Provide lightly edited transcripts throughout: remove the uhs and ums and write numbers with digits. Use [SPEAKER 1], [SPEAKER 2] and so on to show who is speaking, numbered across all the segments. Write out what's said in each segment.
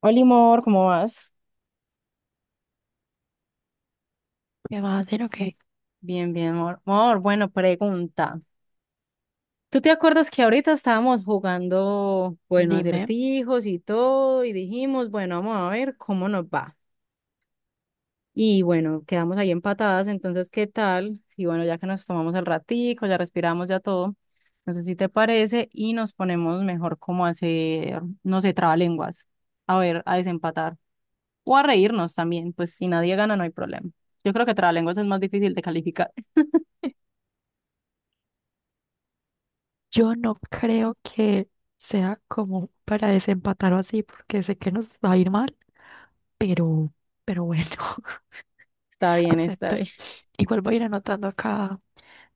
[SPEAKER 1] Hola, amor, ¿cómo vas?
[SPEAKER 2] ¿Qué va a hacer? Ok,
[SPEAKER 1] Bien, bien, amor. Amor, bueno, pregunta. ¿Tú te acuerdas que ahorita estábamos jugando, bueno,
[SPEAKER 2] dime.
[SPEAKER 1] acertijos y todo, y dijimos, bueno, vamos a ver cómo nos va? Y bueno, quedamos ahí empatadas, entonces, ¿qué tal? Y bueno, ya que nos tomamos el ratico, ya respiramos, ya todo, no sé si te parece, y nos ponemos mejor como a hacer, no sé, trabalenguas, a ver, a desempatar, o a reírnos también, pues si nadie gana no hay problema. Yo creo que trabalenguas es más difícil de calificar.
[SPEAKER 2] Yo no creo que sea como para desempatar o así, porque sé que nos va a ir mal, pero, pero bueno,
[SPEAKER 1] Está bien, está
[SPEAKER 2] acepto.
[SPEAKER 1] bien.
[SPEAKER 2] Igual voy a ir anotando acá,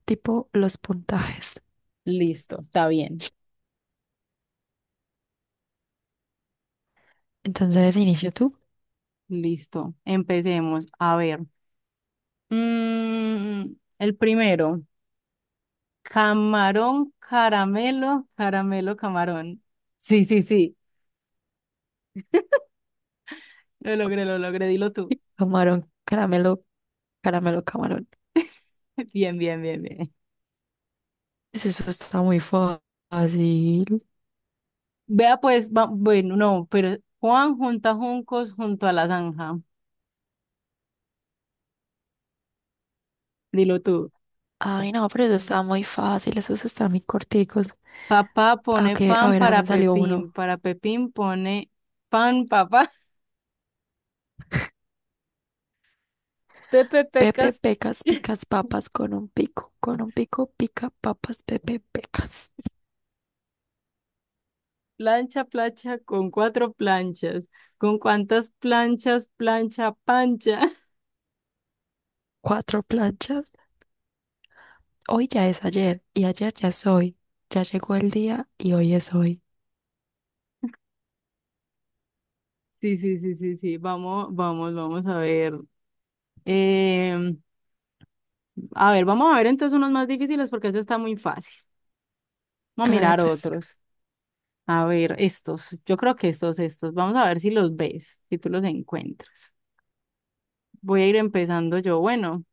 [SPEAKER 2] tipo, los puntajes.
[SPEAKER 1] Listo, está bien.
[SPEAKER 2] Entonces, inicio tú.
[SPEAKER 1] Listo. Empecemos. A ver. Mm, el primero. Camarón, caramelo, caramelo, camarón. Sí, sí, sí. Lo logré, lo logré. Dilo tú.
[SPEAKER 2] Camarón, caramelo, caramelo, camarón.
[SPEAKER 1] Bien, bien, bien, bien.
[SPEAKER 2] Pues eso está muy fácil.
[SPEAKER 1] Vea pues, bueno, no, pero Juan junta juncos junto a la zanja. Dilo tú.
[SPEAKER 2] Ay, no, pero eso está muy fácil. Esos están muy corticos.
[SPEAKER 1] Papá
[SPEAKER 2] Ah,
[SPEAKER 1] pone
[SPEAKER 2] ok, a
[SPEAKER 1] pan
[SPEAKER 2] ver, ah,
[SPEAKER 1] para
[SPEAKER 2] me salió uno.
[SPEAKER 1] Pepín. Para Pepín pone pan, papá. Pepe
[SPEAKER 2] Pepe
[SPEAKER 1] pecas.
[SPEAKER 2] pecas, picas papas con un pico. Con un pico pica papas, Pepe pecas.
[SPEAKER 1] Plancha, plancha con cuatro planchas. ¿Con cuántas planchas, plancha, pancha?
[SPEAKER 2] Cuatro planchas. Hoy ya es ayer y ayer ya es hoy. Ya llegó el día y hoy es hoy.
[SPEAKER 1] Sí, sí, sí, sí, sí. Vamos, vamos, vamos a ver. Em, a ver, vamos a ver entonces unos más difíciles porque este está muy fácil. Vamos a
[SPEAKER 2] Hágale
[SPEAKER 1] mirar
[SPEAKER 2] pues,
[SPEAKER 1] otros. A ver, estos. Yo creo que estos, estos. Vamos a ver si los ves, si tú los encuentras. Voy a ir empezando yo. Bueno,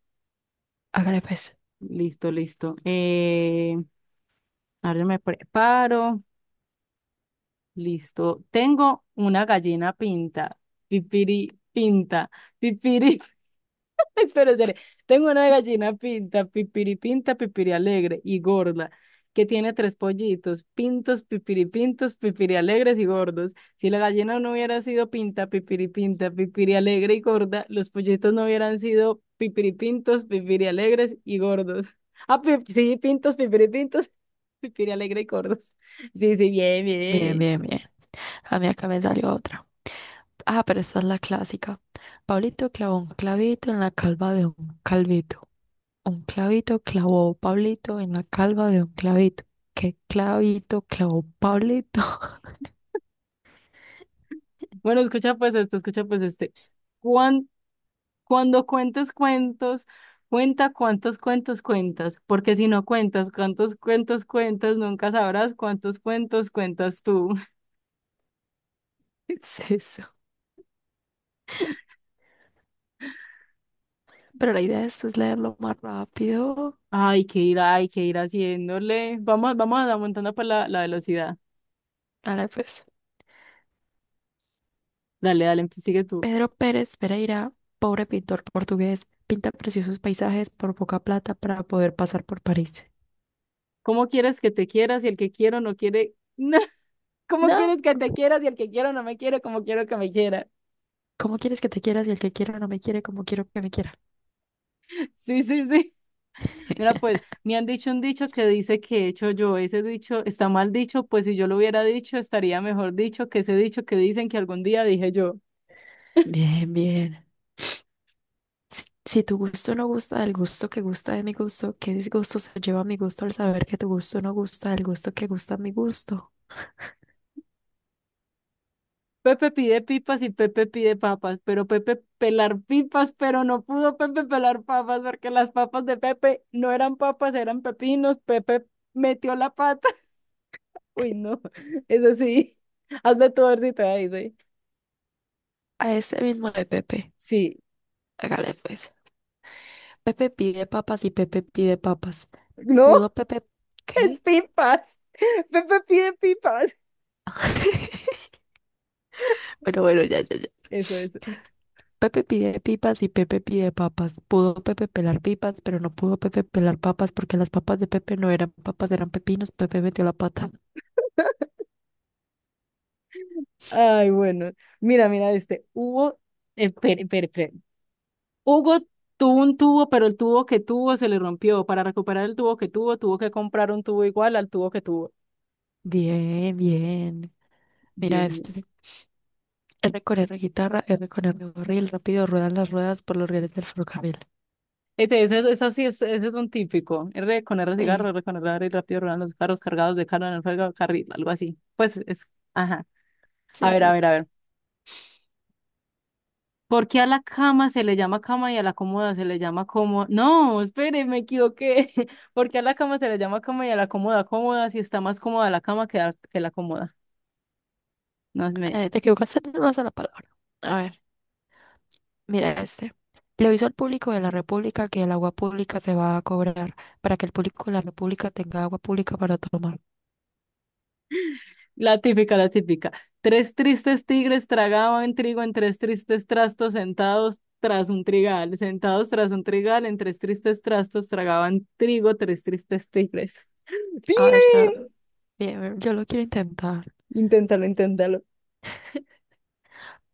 [SPEAKER 2] hágale pues.
[SPEAKER 1] listo, listo. A ver, me preparo. Listo. Tengo una gallina pinta. Pipiri pinta. Pipiri. Espera, espera. Tengo una gallina pinta, pipiri alegre y gorda, que tiene tres pollitos, pintos, pipiri alegres y gordos. Si la gallina no hubiera sido pinta, pipiri alegre y gorda, los pollitos no hubieran sido pipiri pintos, pipiri alegres y gordos. Ah, sí, pintos, pipiri pintos, pipiri alegre y gordos. Sí, sí, bien,
[SPEAKER 2] Bien,
[SPEAKER 1] bien.
[SPEAKER 2] bien, bien. A mí acá me salió otra. Ah, pero esta es la clásica. Pablito clavó un clavito en la calva de un calvito. Un clavito clavó Pablito en la calva de un clavito. ¿Qué clavito clavó Pablito?
[SPEAKER 1] Bueno, escucha pues este, escucha pues este. Cuan- Cuando cuentes cuentos, cuenta cuántos cuentos cuentas, porque si no cuentas cuántos cuentos cuentas, nunca sabrás cuántos cuentos cuentas tú.
[SPEAKER 2] ¿Es eso? Pero la idea de esto es leerlo más rápido.
[SPEAKER 1] Ay, qué ir, hay que ir haciéndole. Vamos, vamos aumentando pues la velocidad.
[SPEAKER 2] Ahora pues.
[SPEAKER 1] Dale, dale, sigue tú.
[SPEAKER 2] Pedro Pérez Pereira, pobre pintor portugués, pinta preciosos paisajes por poca plata para poder pasar por París.
[SPEAKER 1] ¿Cómo quieres que te quieras si el que quiero no quiere? ¿Cómo
[SPEAKER 2] No,
[SPEAKER 1] quieres que te quieras si el que quiero no me quiere como quiero que me quiera?
[SPEAKER 2] ¿cómo quieres que te quieras y el que quiera no me quiere como quiero que me quiera?
[SPEAKER 1] Sí, sí, sí. Mira, pues me han dicho un dicho que dice que he hecho yo. Ese dicho está mal dicho, pues si yo lo hubiera dicho, estaría mejor dicho que ese dicho que dicen que algún día dije yo.
[SPEAKER 2] Bien, bien. Si tu gusto no gusta del gusto que gusta de mi gusto, ¿qué disgusto se lleva mi gusto al saber que tu gusto no gusta del gusto que gusta mi gusto?
[SPEAKER 1] Pepe pide pipas y Pepe pide papas, pero Pepe pelar pipas, pero no pudo Pepe pelar papas porque las papas de Pepe no eran papas, eran pepinos. Pepe metió la pata. Uy, no, eso sí. Hazme tu versito ahí, sí.
[SPEAKER 2] A ese mismo de Pepe.
[SPEAKER 1] Sí,
[SPEAKER 2] Hágale pues. Pepe pide papas y Pepe pide papas.
[SPEAKER 1] no,
[SPEAKER 2] ¿Pudo Pepe...
[SPEAKER 1] es
[SPEAKER 2] ¿Qué?
[SPEAKER 1] pipas. Pepe pide pipas.
[SPEAKER 2] Bueno, bueno, ya, ya, ya.
[SPEAKER 1] Eso es.
[SPEAKER 2] Pepe pide pipas y Pepe pide papas. Pudo Pepe pelar pipas, pero no pudo Pepe pelar papas porque las papas de Pepe no eran papas, eran pepinos. Pepe metió la pata.
[SPEAKER 1] Ay, bueno. Mira, mira, este, hubo, espere, espere, espere. Hugo tuvo un tubo, pero el tubo que tuvo se le rompió. Para recuperar el tubo que tuvo, tuvo que comprar un tubo igual al tubo que tuvo.
[SPEAKER 2] Bien, bien. Mira
[SPEAKER 1] Bien, bien.
[SPEAKER 2] este. R con R guitarra, R con R barril. Rápido ruedan las ruedas por los rieles del ferrocarril.
[SPEAKER 1] Este, ese sí es, ese es un típico. R con R
[SPEAKER 2] Sí,
[SPEAKER 1] cigarro, R con R y rápido ruedan los carros cargados de carga en el fuego carril, algo así. Pues es, ajá. A
[SPEAKER 2] sí,
[SPEAKER 1] ver, a
[SPEAKER 2] sí, sí.
[SPEAKER 1] ver, a ver. ¿Por qué a la cama se le llama cama y a la cómoda se le llama cómoda? No, espere, me equivoqué. ¿Por qué a la cama se le llama cama y a la cómoda cómoda si está más cómoda la cama que, que la cómoda? No es me...
[SPEAKER 2] Te equivocaste más a la palabra. A ver. Mira este. Le aviso al público de la República que el agua pública se va a cobrar para que el público de la República tenga agua pública para tomar.
[SPEAKER 1] La típica, la típica. Tres tristes tigres tragaban trigo en tres tristes trastos sentados tras un trigal. Sentados tras un trigal en tres tristes trastos tragaban trigo tres tristes tigres.
[SPEAKER 2] A ver, yo,
[SPEAKER 1] Bien.
[SPEAKER 2] bien, yo lo quiero intentar.
[SPEAKER 1] Inténtalo, inténtalo.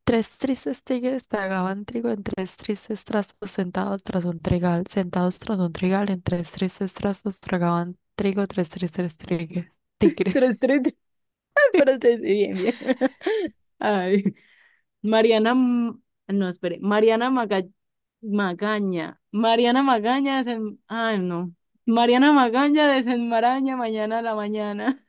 [SPEAKER 2] Tres tristes tigres tragaban trigo en tres tristes trastos sentados tras un trigal. Sentados tras un trigal en tres tristes trastos tragaban trigo tres tristes tigres.
[SPEAKER 1] Tres tristes. Pero sí, sí, bien, bien. Ay. Mariana, no, espere, Magaña, Mariana Magaña desen, ay, no, Mariana Magaña desenmaraña mañana a la mañana.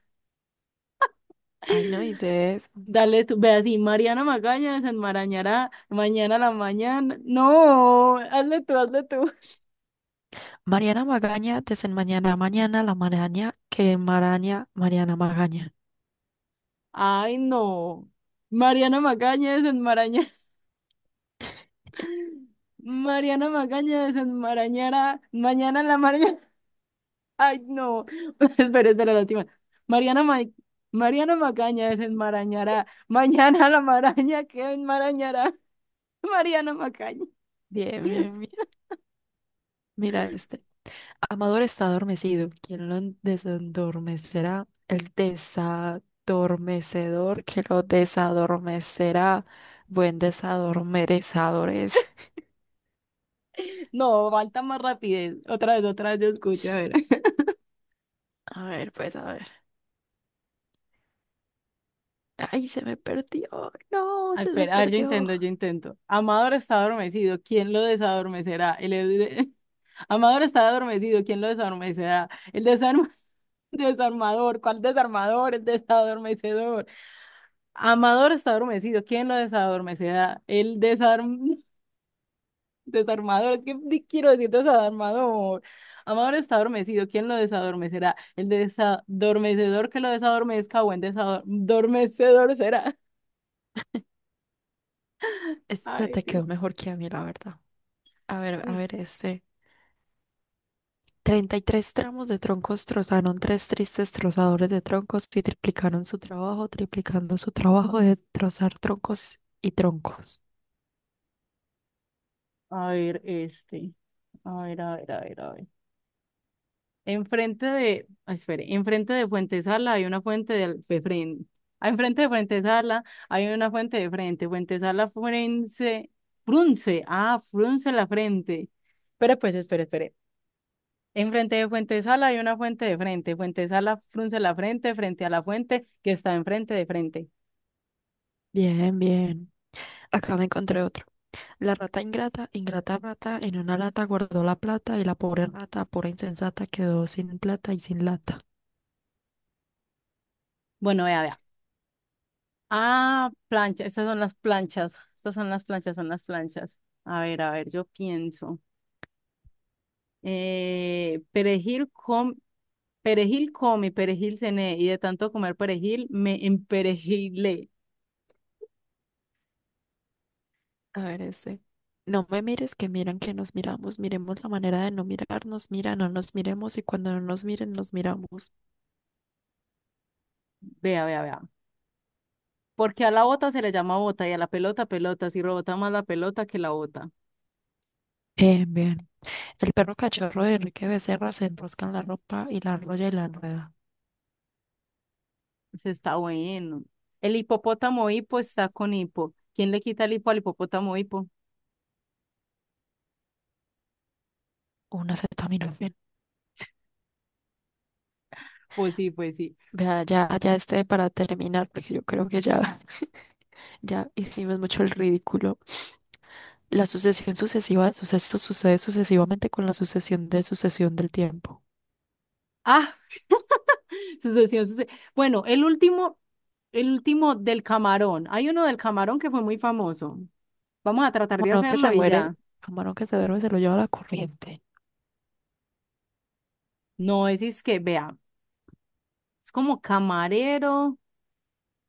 [SPEAKER 2] Ay, no dice eso.
[SPEAKER 1] Dale tú, ve así, Mariana Magaña desenmarañará mañana a la mañana. No, hazle tú, hazle tú.
[SPEAKER 2] Mariana Magaña, desenmañana mañana a mañana, la maraña que maraña Mariana Magaña.
[SPEAKER 1] Ay, no. Mariana Magaña desenmaraña. Mariana Magaña desenmarañará mañana a la mañana. Ay, no. Espera, espera, la última. Mariana, Mariana Macaña desenmarañará. Mañana la maraña que enmarañará. Mariana Macaña.
[SPEAKER 2] Bien, bien, bien. Mira este. Amador está adormecido. ¿Quién lo desendormecerá? El desadormecedor que lo desadormecerá. Buen desadormecedor es.
[SPEAKER 1] No, falta más rapidez. Otra vez yo escucho, a ver.
[SPEAKER 2] A ver, pues a ver. Ay, se me perdió. No,
[SPEAKER 1] Ay,
[SPEAKER 2] se me
[SPEAKER 1] espera, a ver, yo
[SPEAKER 2] perdió.
[SPEAKER 1] intento, yo intento. Amador está adormecido. ¿Quién lo desadormecerá? El, Amador está adormecido. ¿Quién lo desarmecerá? Desarmador. ¿Cuál desarmador? El desadormecedor. Amador está adormecido. ¿Quién lo desadormecerá? El desarm... desarmador. Es que quiero decir desarmador. Amador está adormecido. ¿Quién lo desadormecerá? El desadormecedor que lo desadormezca o el desadormecedor será.
[SPEAKER 2] Este
[SPEAKER 1] Ay,
[SPEAKER 2] te
[SPEAKER 1] Dios.
[SPEAKER 2] quedó mejor que a mí, la verdad. A
[SPEAKER 1] Dios.
[SPEAKER 2] ver, este. 33 tramos de troncos trozaron tres tristes trozadores de troncos y triplicaron su trabajo, triplicando su trabajo de trozar troncos y troncos.
[SPEAKER 1] A ver, este. A ver, a ver, a ver, a ver. Enfrente de, ah, espere, enfrente de Fuentesala hay una fuente de, de frente. Enfrente de Fuentesala hay una fuente de frente. Fuentesala Frunce, Frunce, ah, Frunce la frente. Pero pues, espere, espere. Enfrente de Fuentesala hay una fuente de frente. Fuentesala Frunce la frente, frente a la fuente que está enfrente de frente.
[SPEAKER 2] Bien, bien. Acá me encontré otro. La rata ingrata, ingrata rata, en una lata guardó la plata y la pobre rata, pura insensata, quedó sin plata y sin lata.
[SPEAKER 1] Bueno, vea, vea. Ah, plancha, estas son las planchas. Estas son las planchas, son las planchas. A ver, yo pienso. Perejil com, perejil come, perejil cené, y de tanto comer perejil me emperejilé.
[SPEAKER 2] A ver, este. No me mires, que miran que nos miramos. Miremos la manera de no mirarnos. Mira, no nos miremos y cuando no nos miren, nos miramos.
[SPEAKER 1] Vea, vea, vea. Porque a la bota se le llama bota y a la pelota pelota, si rebota más la pelota que la bota.
[SPEAKER 2] Bien. El perro cachorro de Enrique Becerra se enrosca en la ropa y la enrolla y la enreda.
[SPEAKER 1] Se está bueno. El hipopótamo hipo está con hipo. ¿Quién le quita el hipo al hipopótamo hipo?
[SPEAKER 2] Una acetaminofén.
[SPEAKER 1] Pues sí, pues sí.
[SPEAKER 2] Vea, ya, ya este para terminar, porque yo creo que ya, ya hicimos mucho el ridículo. La sucesión sucesiva de sucesos sucede sucesivamente con la sucesión de sucesión del tiempo.
[SPEAKER 1] Ah, sucesión, suce- Bueno, el último del camarón. Hay uno del camarón que fue muy famoso. Vamos a tratar de
[SPEAKER 2] Camarón que
[SPEAKER 1] hacerlo
[SPEAKER 2] se
[SPEAKER 1] y
[SPEAKER 2] muere,
[SPEAKER 1] ya.
[SPEAKER 2] camarón que se duerme, se lo lleva la corriente.
[SPEAKER 1] No, es que, vea, es como camarero,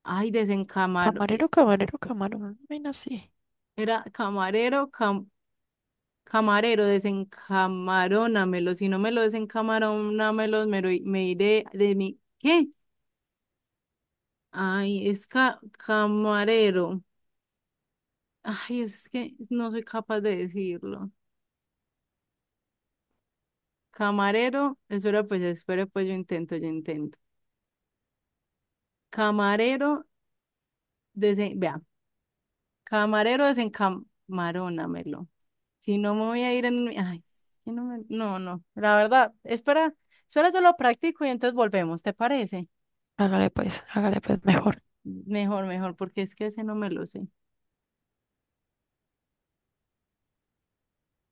[SPEAKER 1] ay, desencamarón,
[SPEAKER 2] Camarero, camarero, camarón, ven así.
[SPEAKER 1] era camarero, camarero, desencamarónamelo, si no me lo desencamarónamelo, me, me iré de mi, ¿qué? Ay, es camarero, ay, es que no soy capaz de decirlo. Camarero, espera pues, yo intento, yo intento. Camarero, desen, vea, camarero, desencamarónamelo. Si no me voy a ir en... Ay, es que no me... No, no. La verdad, espera, espera, yo lo practico y entonces volvemos, ¿te parece?
[SPEAKER 2] Hágale pues mejor.
[SPEAKER 1] Mejor, mejor, porque es que ese no me lo sé.